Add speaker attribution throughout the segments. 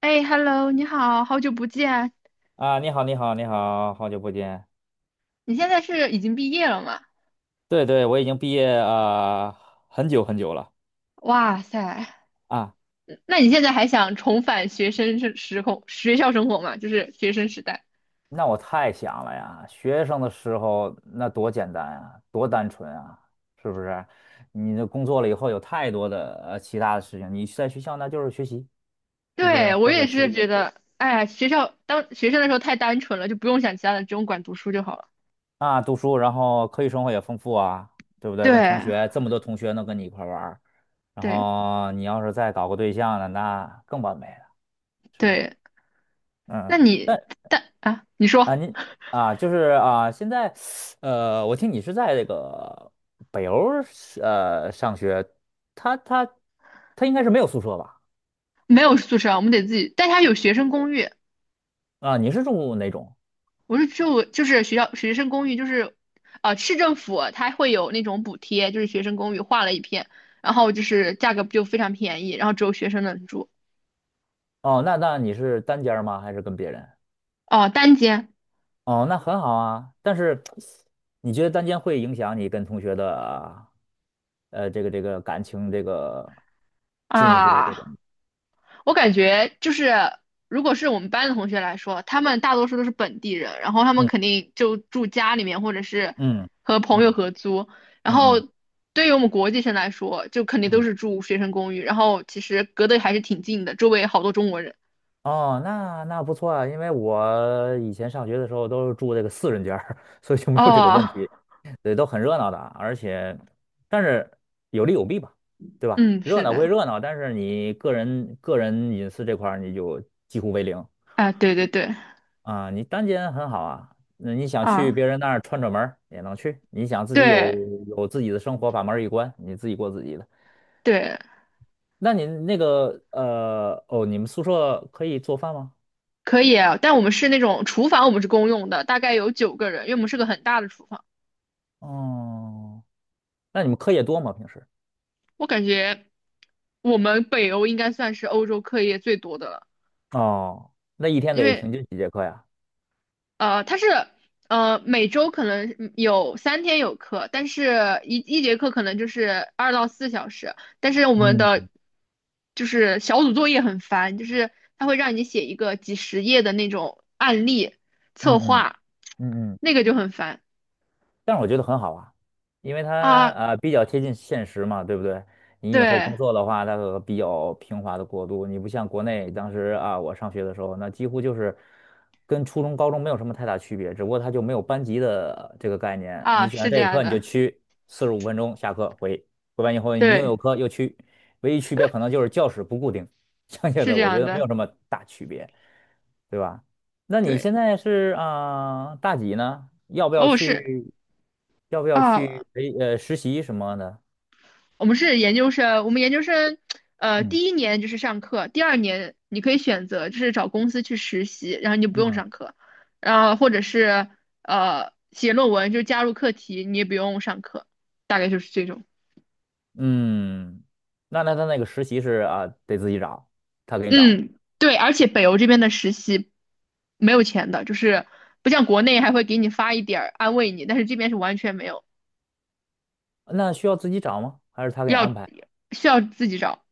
Speaker 1: 哎，Hello，你好，好久不见。
Speaker 2: 啊，你好，你好，你好，好久不见。
Speaker 1: 你现在是已经毕业了吗？
Speaker 2: 对对，我已经毕业啊、很久很久了
Speaker 1: 哇塞，
Speaker 2: 啊。
Speaker 1: 那你现在还想重返学生时空学校生活吗？就是学生时代。
Speaker 2: 那我太想了呀，学生的时候那多简单啊，多单纯啊，是不是？你的工作了以后有太多的其他的事情，你在学校那就是学习，是不是？
Speaker 1: 对，我
Speaker 2: 或
Speaker 1: 也
Speaker 2: 者是
Speaker 1: 是觉得，哎呀，学校当学生的时候太单纯了，就不用想其他的，只用管读书就好了。
Speaker 2: 啊读书，然后课余生活也丰富啊，对不对？跟同
Speaker 1: 对，
Speaker 2: 学这么多同学能跟你一块儿玩儿。然
Speaker 1: 对，
Speaker 2: 后你要是再搞个对象了，那更完美了，是不是？
Speaker 1: 对。那
Speaker 2: 嗯。但
Speaker 1: 你但啊，你
Speaker 2: 啊，
Speaker 1: 说
Speaker 2: 您啊，就是啊，现在，我听你是在这个北欧儿上学，他他他应该是没有宿舍吧？
Speaker 1: 没有宿舍啊我们得自己，但它有学生公寓。
Speaker 2: 啊，你是住哪种？
Speaker 1: 我是住就是学校学生公寓，就是市政府它会有那种补贴，就是学生公寓划了一片，然后就是价格就非常便宜，然后只有学生能住。
Speaker 2: 哦，那你是单间儿吗？还是跟别人？
Speaker 1: 哦，单间。
Speaker 2: 哦，那很好啊。但是你觉得单间会影响你跟同学的这个感情这个进一步这个？
Speaker 1: 啊，我感觉就是如果是我们班的同学来说，他们大多数都是本地人，然后他们肯定就住家里面或者是
Speaker 2: 嗯
Speaker 1: 和朋友
Speaker 2: 嗯
Speaker 1: 合租，然
Speaker 2: 嗯嗯
Speaker 1: 后
Speaker 2: 嗯
Speaker 1: 对于我们国际生来说，就肯定
Speaker 2: 嗯。
Speaker 1: 都
Speaker 2: 嗯
Speaker 1: 是住学生公寓，然后其实隔得还是挺近的，周围好多中国人。
Speaker 2: 哦，那那不错啊，因为我以前上学的时候都是住这个四人间儿，所以就没有这个问
Speaker 1: 哦。
Speaker 2: 题。对，都很热闹的啊，而且，但是有利有弊吧，对吧？
Speaker 1: 嗯，
Speaker 2: 热
Speaker 1: 是
Speaker 2: 闹归
Speaker 1: 的，
Speaker 2: 热闹，但是你个人隐私这块儿你就几乎为零
Speaker 1: 啊，对对对，
Speaker 2: 啊。你单间很好啊，那你想去
Speaker 1: 啊，
Speaker 2: 别人那儿串串门儿也能去，你想自己
Speaker 1: 对
Speaker 2: 有自己的生活，把门儿一关，你自己过自己的。
Speaker 1: 对，
Speaker 2: 那你那个哦，你们宿舍可以做饭吗？
Speaker 1: 可以啊，但我们是那种厨房，我们是公用的，大概有9个人，因为我们是个很大的厨房。
Speaker 2: 哦。那你们课业多吗？平时？
Speaker 1: 我感觉我们北欧应该算是欧洲课业最多的了，
Speaker 2: 哦，那一天
Speaker 1: 因
Speaker 2: 得
Speaker 1: 为
Speaker 2: 平均几节课呀？
Speaker 1: 它是每周可能有3天有课，但是一节课可能就是2到4小时，但是我们的
Speaker 2: 嗯
Speaker 1: 就是小组作业很烦，就是它会让你写一个几十页的那种案例策
Speaker 2: 嗯嗯
Speaker 1: 划，
Speaker 2: 嗯嗯，
Speaker 1: 那个就很烦。
Speaker 2: 但是我觉得很好啊，因为它
Speaker 1: 啊。
Speaker 2: 比较贴近现实嘛，对不对？你以后
Speaker 1: 对
Speaker 2: 工作的话，它和比较平滑的过渡，你不像国内当时啊，我上学的时候，那几乎就是跟初中、高中没有什么太大区别，只不过它就没有班级的这个概念。你
Speaker 1: 啊，
Speaker 2: 选
Speaker 1: 是
Speaker 2: 这
Speaker 1: 这
Speaker 2: 个
Speaker 1: 样
Speaker 2: 课你就
Speaker 1: 的，
Speaker 2: 去45分钟下课回，回完以后你又
Speaker 1: 对，
Speaker 2: 有课又去，唯一区别可能就是教室不固定，剩下
Speaker 1: 是
Speaker 2: 的
Speaker 1: 这
Speaker 2: 我觉
Speaker 1: 样
Speaker 2: 得没
Speaker 1: 的，
Speaker 2: 有什么大区别。对吧？那你
Speaker 1: 对。
Speaker 2: 现在是啊、大几呢？要不要
Speaker 1: 哦，是
Speaker 2: 去？要不要
Speaker 1: 啊，
Speaker 2: 去实习什么的？
Speaker 1: 我们是研究生，我们研究生，
Speaker 2: 嗯
Speaker 1: 第一年就是上课，第二年你可以选择就是找公司去实习，然后你就不用
Speaker 2: 嗯
Speaker 1: 上课，然后或者是写论文，就是加入课题，你也不用上课，大概就是这种。
Speaker 2: 嗯，那他那个实习是啊、得自己找，他给你找吗？
Speaker 1: 嗯，对，而且北欧这边的实习没有钱的，就是不像国内还会给你发一点儿安慰你，但是这边是完全没有，
Speaker 2: 那需要自己找吗？还是他给你
Speaker 1: 要
Speaker 2: 安排？
Speaker 1: 需要自己找，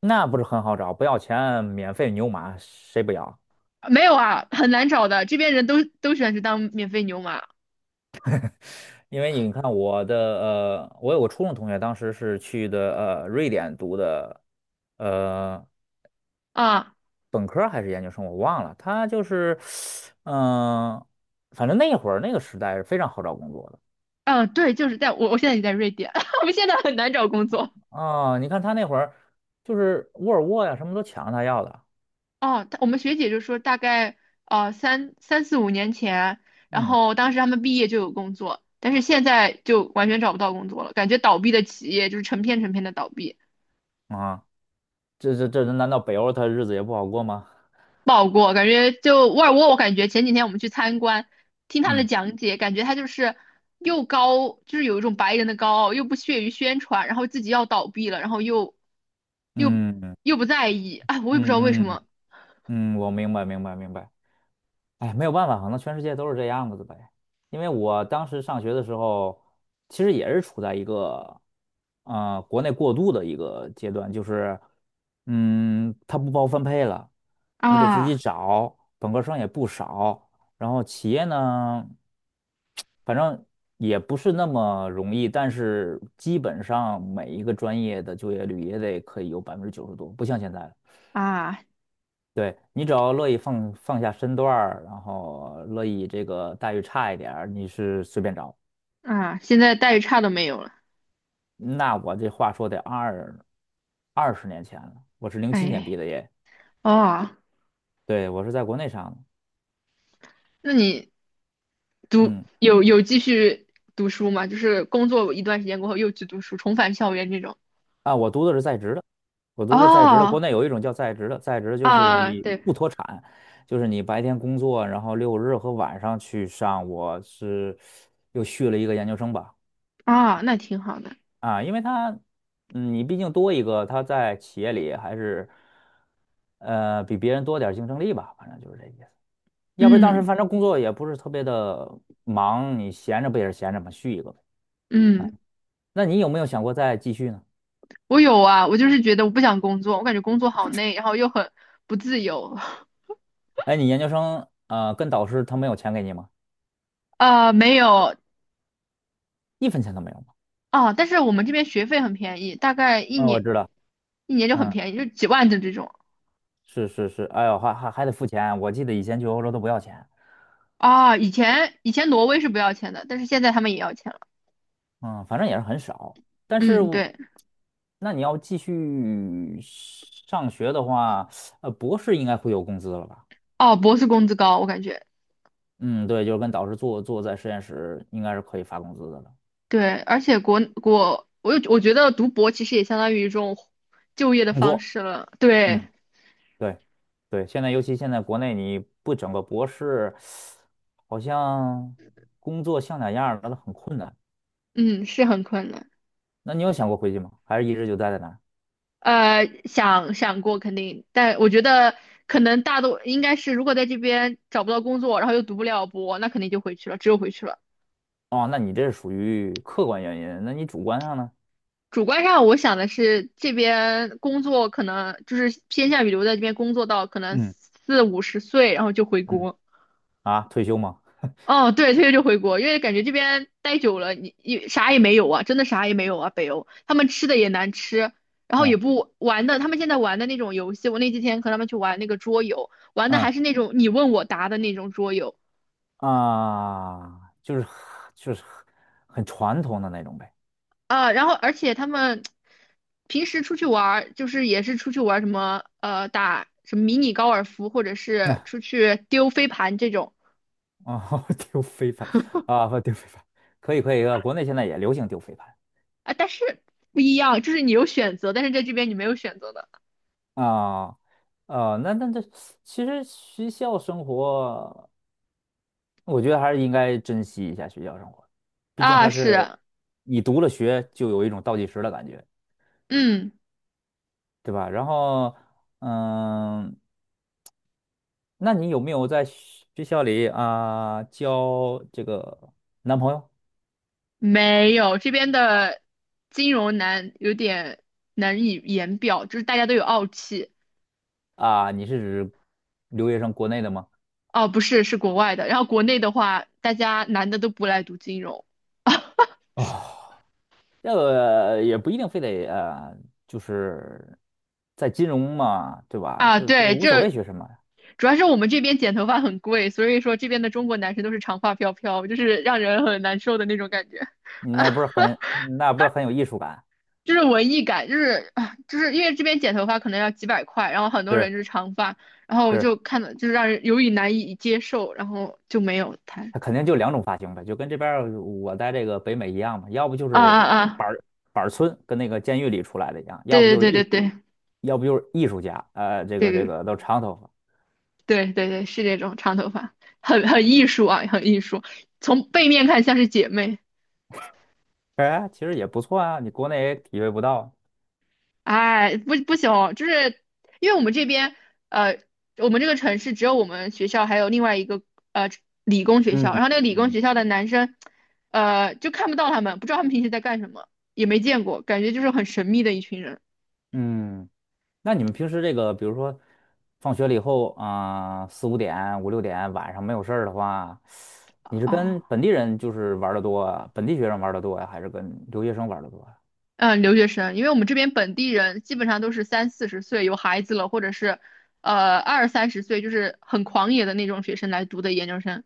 Speaker 2: 那不是很好找，不要钱，免费牛马，谁不要？
Speaker 1: 没有啊，很难找的，这边人都喜欢去当免费牛马。
Speaker 2: 因为你看我有个初中同学，当时是去的瑞典读的呃
Speaker 1: 啊。
Speaker 2: 本科儿还是研究生，我忘了。他就是，嗯、反正那会儿那个时代是非常好找工作的。
Speaker 1: 嗯，对，就是在我现在也在瑞典，我们现在很难找工作。
Speaker 2: 啊、你看他那会儿就是沃尔沃呀，什么都抢着他要的。
Speaker 1: 哦，我们学姐就说大概啊三四五年前，然
Speaker 2: 嗯。
Speaker 1: 后当时他们毕业就有工作，但是现在就完全找不到工作了，感觉倒闭的企业就是成片成片的倒闭，
Speaker 2: 啊，这难道北欧他日子也不好过吗？
Speaker 1: 不好过。感觉就沃尔沃，我感觉前几天我们去参观，听他的
Speaker 2: 嗯
Speaker 1: 讲解，感觉他就是又高，就是有一种白人的高傲，又不屑于宣传，然后自己要倒闭了，然后又
Speaker 2: 嗯嗯
Speaker 1: 又不在意，哎，我也不知道为什
Speaker 2: 嗯
Speaker 1: 么。
Speaker 2: 嗯，我明白明白明白。哎，没有办法，可能全世界都是这样子的呗。因为我当时上学的时候，其实也是处在一个，国内过渡的一个阶段，就是，它不包分配了，你得自己
Speaker 1: 啊。
Speaker 2: 找，本科生也不少，然后企业呢，反正也不是那么容易，但是基本上每一个专业的就业率也得可以有90%多，不像现在了。
Speaker 1: 啊
Speaker 2: 对，你只要乐意放下身段儿，然后乐意这个待遇差一点儿，你是随便找。
Speaker 1: 啊！现在待遇差都没有了，
Speaker 2: 那我这话说得20年前了，我是07年毕
Speaker 1: 哎，
Speaker 2: 的业，
Speaker 1: 哦，
Speaker 2: 对，我是在国内上的，
Speaker 1: 那你读
Speaker 2: 嗯，
Speaker 1: 有继续读书吗？就是工作一段时间过后又去读书，重返校园这种。
Speaker 2: 啊，我读的是在职的，我读的是在职的，国
Speaker 1: 哦，
Speaker 2: 内有一种叫在职的，在职就是
Speaker 1: 啊，
Speaker 2: 你
Speaker 1: 对，
Speaker 2: 不脱产，就是你白天工作，然后六日和晚上去上，我是又续了一个研究生吧。
Speaker 1: 啊，那挺好的。
Speaker 2: 啊，因为他，你毕竟多一个，他在企业里还是，比别人多点儿竞争力吧，反正就是这意思。要不然当时
Speaker 1: 嗯
Speaker 2: 反正工作也不是特别的忙，你闲着不也是闲着嘛，续一个呗。
Speaker 1: 嗯，
Speaker 2: 那你有没有想过再继续呢？
Speaker 1: 我有啊，我就是觉得我不想工作，我感觉工作好累，然后又很不自由。
Speaker 2: 哎，你研究生，跟导师他没有钱给你吗？
Speaker 1: 啊，没有
Speaker 2: 一分钱都没有吗？
Speaker 1: 啊，但是我们这边学费很便宜，大概一
Speaker 2: 啊、我
Speaker 1: 年
Speaker 2: 知道，
Speaker 1: 一年就很
Speaker 2: 嗯，
Speaker 1: 便宜，就几万的这种。
Speaker 2: 是是是，哎呦，还得付钱，我记得以前去欧洲都不要钱。
Speaker 1: 啊，以前挪威是不要钱的，但是现在他们也要钱了。
Speaker 2: 嗯，反正也是很少。但是
Speaker 1: 嗯，
Speaker 2: 我
Speaker 1: 对。
Speaker 2: 那你要继续上学的话，博士应该会有工资了吧？
Speaker 1: 哦，博士工资高，我感觉
Speaker 2: 嗯，对，就是跟导师做在实验室，应该是可以发工资的了。
Speaker 1: 对，而且我觉得读博其实也相当于一种就业的
Speaker 2: 工
Speaker 1: 方
Speaker 2: 作，
Speaker 1: 式了。对，
Speaker 2: 嗯，对，对，尤其现在国内你不整个博士，好像工作像点样儿的很困难。
Speaker 1: 嗯，是很困难。
Speaker 2: 那你有想过回去吗？还是一直就待在那儿？
Speaker 1: 想过肯定，但我觉得可能大多应该是，如果在这边找不到工作，然后又读不了博，那肯定就回去了，只有回去了。
Speaker 2: 哦，那你这是属于客观原因，那你主观上呢？
Speaker 1: 主观上我想的是，这边工作可能就是偏向于留在这边工作到可能
Speaker 2: 嗯
Speaker 1: 4、50岁，然后就回
Speaker 2: 嗯，
Speaker 1: 国。
Speaker 2: 啊，退休吗？
Speaker 1: 哦，对，退休就回国，因为感觉这边待久了，你啥也没有啊，真的啥也没有啊。北欧他们吃的也难吃，然后也
Speaker 2: 嗯。
Speaker 1: 不玩的，他们现在玩的那种游戏，我那几天和他们去玩那个桌游，玩的还
Speaker 2: 嗯
Speaker 1: 是那种你问我答的那种桌游，
Speaker 2: 啊，就是很传统的那种呗。
Speaker 1: 啊，然后而且他们平时出去玩儿，就是也是出去玩儿什么打什么迷你高尔夫，或者 是
Speaker 2: 啊
Speaker 1: 出去丢飞盘这种。
Speaker 2: 啊，丢飞盘啊，不丢飞盘，可以可以，国内现在也流行丢飞盘
Speaker 1: 啊，但是不一样，就是你有选择，但是在这边你没有选择的。
Speaker 2: 啊。啊。这其实学校生活，我觉得还是应该珍惜一下学校生活，毕竟
Speaker 1: 啊，
Speaker 2: 它
Speaker 1: 是，
Speaker 2: 是你读了学就有一种倒计时的感觉，
Speaker 1: 嗯，
Speaker 2: 对吧？然后，嗯，那你有没有在学校里啊、交这个男朋友？
Speaker 1: 没有，这边的金融难有点难以言表，就是大家都有傲气，
Speaker 2: 啊，你是指留学生国内的吗？
Speaker 1: 哦，不是，是国外的，然后国内的话，大家男的都不来读金融。
Speaker 2: 哦，这个也不一定非得，就是在金融嘛，对吧？
Speaker 1: 啊，
Speaker 2: 这
Speaker 1: 对，
Speaker 2: 无所谓
Speaker 1: 这
Speaker 2: 学什么，
Speaker 1: 主要是我们这边剪头发很贵，所以说这边的中国男生都是长发飘飘，就是让人很难受的那种感觉，
Speaker 2: 那不是很那不是很有艺术感？
Speaker 1: 就是文艺感，就是啊，就是因为这边剪头发可能要几百块，然后很多
Speaker 2: 是
Speaker 1: 人就是长发，然后我
Speaker 2: 是，
Speaker 1: 就看了，就是让人有点难以接受，然后就没有谈。
Speaker 2: 他肯定就两种发型呗，就跟这边儿我在这个北美一样嘛，要不就
Speaker 1: 啊
Speaker 2: 是
Speaker 1: 啊啊！
Speaker 2: 板儿板儿村跟那个监狱里出来的一样，要不
Speaker 1: 对
Speaker 2: 就是
Speaker 1: 对
Speaker 2: 艺
Speaker 1: 对
Speaker 2: 术，
Speaker 1: 对
Speaker 2: 要不就是艺术家，
Speaker 1: 对
Speaker 2: 这
Speaker 1: 对
Speaker 2: 个都长头发，
Speaker 1: 对对对对，是这种长头发，很艺术啊，很艺术，从背面看像是姐妹。
Speaker 2: 哎，其实也不错啊，你国内也体会不到。
Speaker 1: 哎，不行，就是因为我们这边，呃，我们这个城市只有我们学校还有另外一个呃理工学校，然
Speaker 2: 嗯
Speaker 1: 后那个理工
Speaker 2: 嗯
Speaker 1: 学校的男生，就看不到他们，不知道他们平时在干什么，也没见过，感觉就是很神秘的一群人。
Speaker 2: 嗯。那你们平时这个，比如说放学了以后啊，4、5点、5、6点晚上没有事儿的话，你是跟
Speaker 1: 啊。
Speaker 2: 本地人就是玩的多啊，本地学生玩的多呀，还是跟留学生玩的多呀？
Speaker 1: 嗯，留学生，因为我们这边本地人基本上都是三四十岁有孩子了，或者是二三十岁，就是很狂野的那种学生来读的研究生。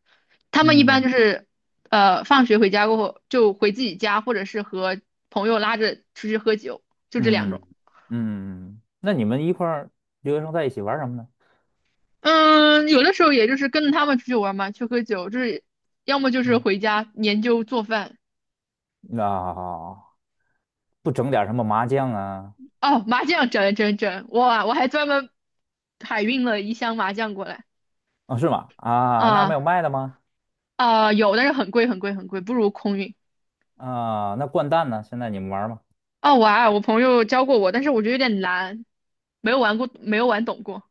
Speaker 1: 他们一般
Speaker 2: 嗯
Speaker 1: 就是放学回家过后就回自己家，或者是和朋友拉着出去喝酒，就这两
Speaker 2: 嗯
Speaker 1: 种。
Speaker 2: 嗯嗯，那你们一块儿留学生在一起玩什么呢？
Speaker 1: 嗯，有的时候也就是跟着他们出去玩嘛，去喝酒，就是要么就是
Speaker 2: 嗯，
Speaker 1: 回家研究做饭。
Speaker 2: 那不整点什么麻将啊？
Speaker 1: 哦，麻将整整整，哇，我还专门海运了一箱麻将过来。
Speaker 2: 啊，是吗？啊，那儿没有
Speaker 1: 啊。
Speaker 2: 卖的吗？
Speaker 1: 啊、有，但是很贵很贵很贵，不如空运。
Speaker 2: 啊，那掼蛋呢？现在你们玩吗？
Speaker 1: 哦，玩，我朋友教过我，但是我觉得有点难，没有玩过，没有玩懂过。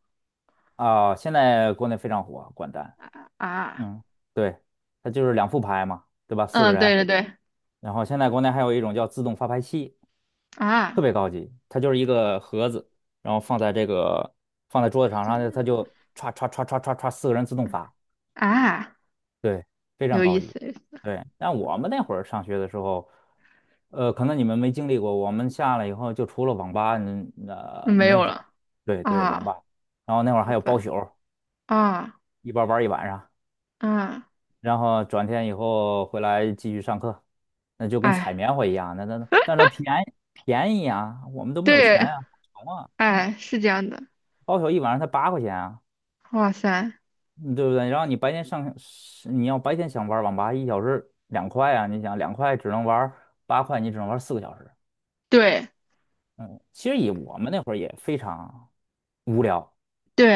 Speaker 2: 啊，现在国内非常火，掼蛋。
Speaker 1: 啊。
Speaker 2: 嗯，对，它就是两副牌嘛，对吧？四个
Speaker 1: 嗯，
Speaker 2: 人。
Speaker 1: 对对对，
Speaker 2: 然后现在国内还有一种叫自动发牌器，特
Speaker 1: 啊，
Speaker 2: 别高级，它就是一个盒子，然后放在桌子上，然后它就
Speaker 1: 很
Speaker 2: 歘歘歘歘歘歘，四个人自动发，
Speaker 1: 啊，
Speaker 2: 对，非常
Speaker 1: 有意
Speaker 2: 高级。
Speaker 1: 思，有意思。
Speaker 2: 对，但我们那会儿上学的时候，可能你们没经历过，我们下来以后就除了网吧，
Speaker 1: 没
Speaker 2: 没
Speaker 1: 有
Speaker 2: 有什么。
Speaker 1: 了。
Speaker 2: 对对，网
Speaker 1: 啊，
Speaker 2: 吧。然后那会儿
Speaker 1: 好
Speaker 2: 还有包
Speaker 1: 吧，
Speaker 2: 宿，
Speaker 1: 啊
Speaker 2: 一包玩儿一晚上。
Speaker 1: 啊，
Speaker 2: 然后转天以后回来继续上课，那就跟
Speaker 1: 哎，
Speaker 2: 采棉花一样，那但是它便宜便宜啊，我们都没有钱
Speaker 1: 对，
Speaker 2: 啊，穷啊，
Speaker 1: 哎，是这样的，
Speaker 2: 包宿一晚上才8块钱啊，
Speaker 1: 哇塞，
Speaker 2: 嗯对不对？然后你白天上，是你要白天想玩网吧，1小时两块啊，你想两块只能玩八块，你只能玩4个小时，
Speaker 1: 对
Speaker 2: 嗯，其实以我们那会儿也非常无聊、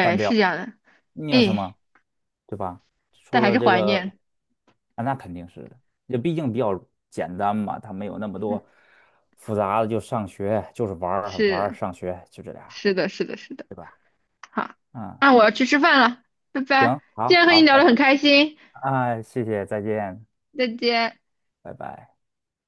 Speaker 2: 单
Speaker 1: 是
Speaker 2: 调，
Speaker 1: 这样的，
Speaker 2: 你有什
Speaker 1: 哎，
Speaker 2: 么，对吧？
Speaker 1: 但
Speaker 2: 除
Speaker 1: 还
Speaker 2: 了
Speaker 1: 是
Speaker 2: 这
Speaker 1: 怀
Speaker 2: 个，
Speaker 1: 念，
Speaker 2: 啊，那肯定是的，也毕竟比较简单嘛，它没有那么多
Speaker 1: 嗯，
Speaker 2: 复杂的，就上学就是玩儿玩儿，
Speaker 1: 是
Speaker 2: 上学就这俩，
Speaker 1: 是的，是的，是的。
Speaker 2: 对吧？
Speaker 1: 好，
Speaker 2: 嗯，
Speaker 1: 那我要去吃饭了，拜拜。
Speaker 2: 行，
Speaker 1: 今
Speaker 2: 好，
Speaker 1: 天和你
Speaker 2: 好，
Speaker 1: 聊
Speaker 2: 拜
Speaker 1: 得很
Speaker 2: 拜，
Speaker 1: 开心，
Speaker 2: 啊，谢谢，再见，
Speaker 1: 再见。
Speaker 2: 拜拜。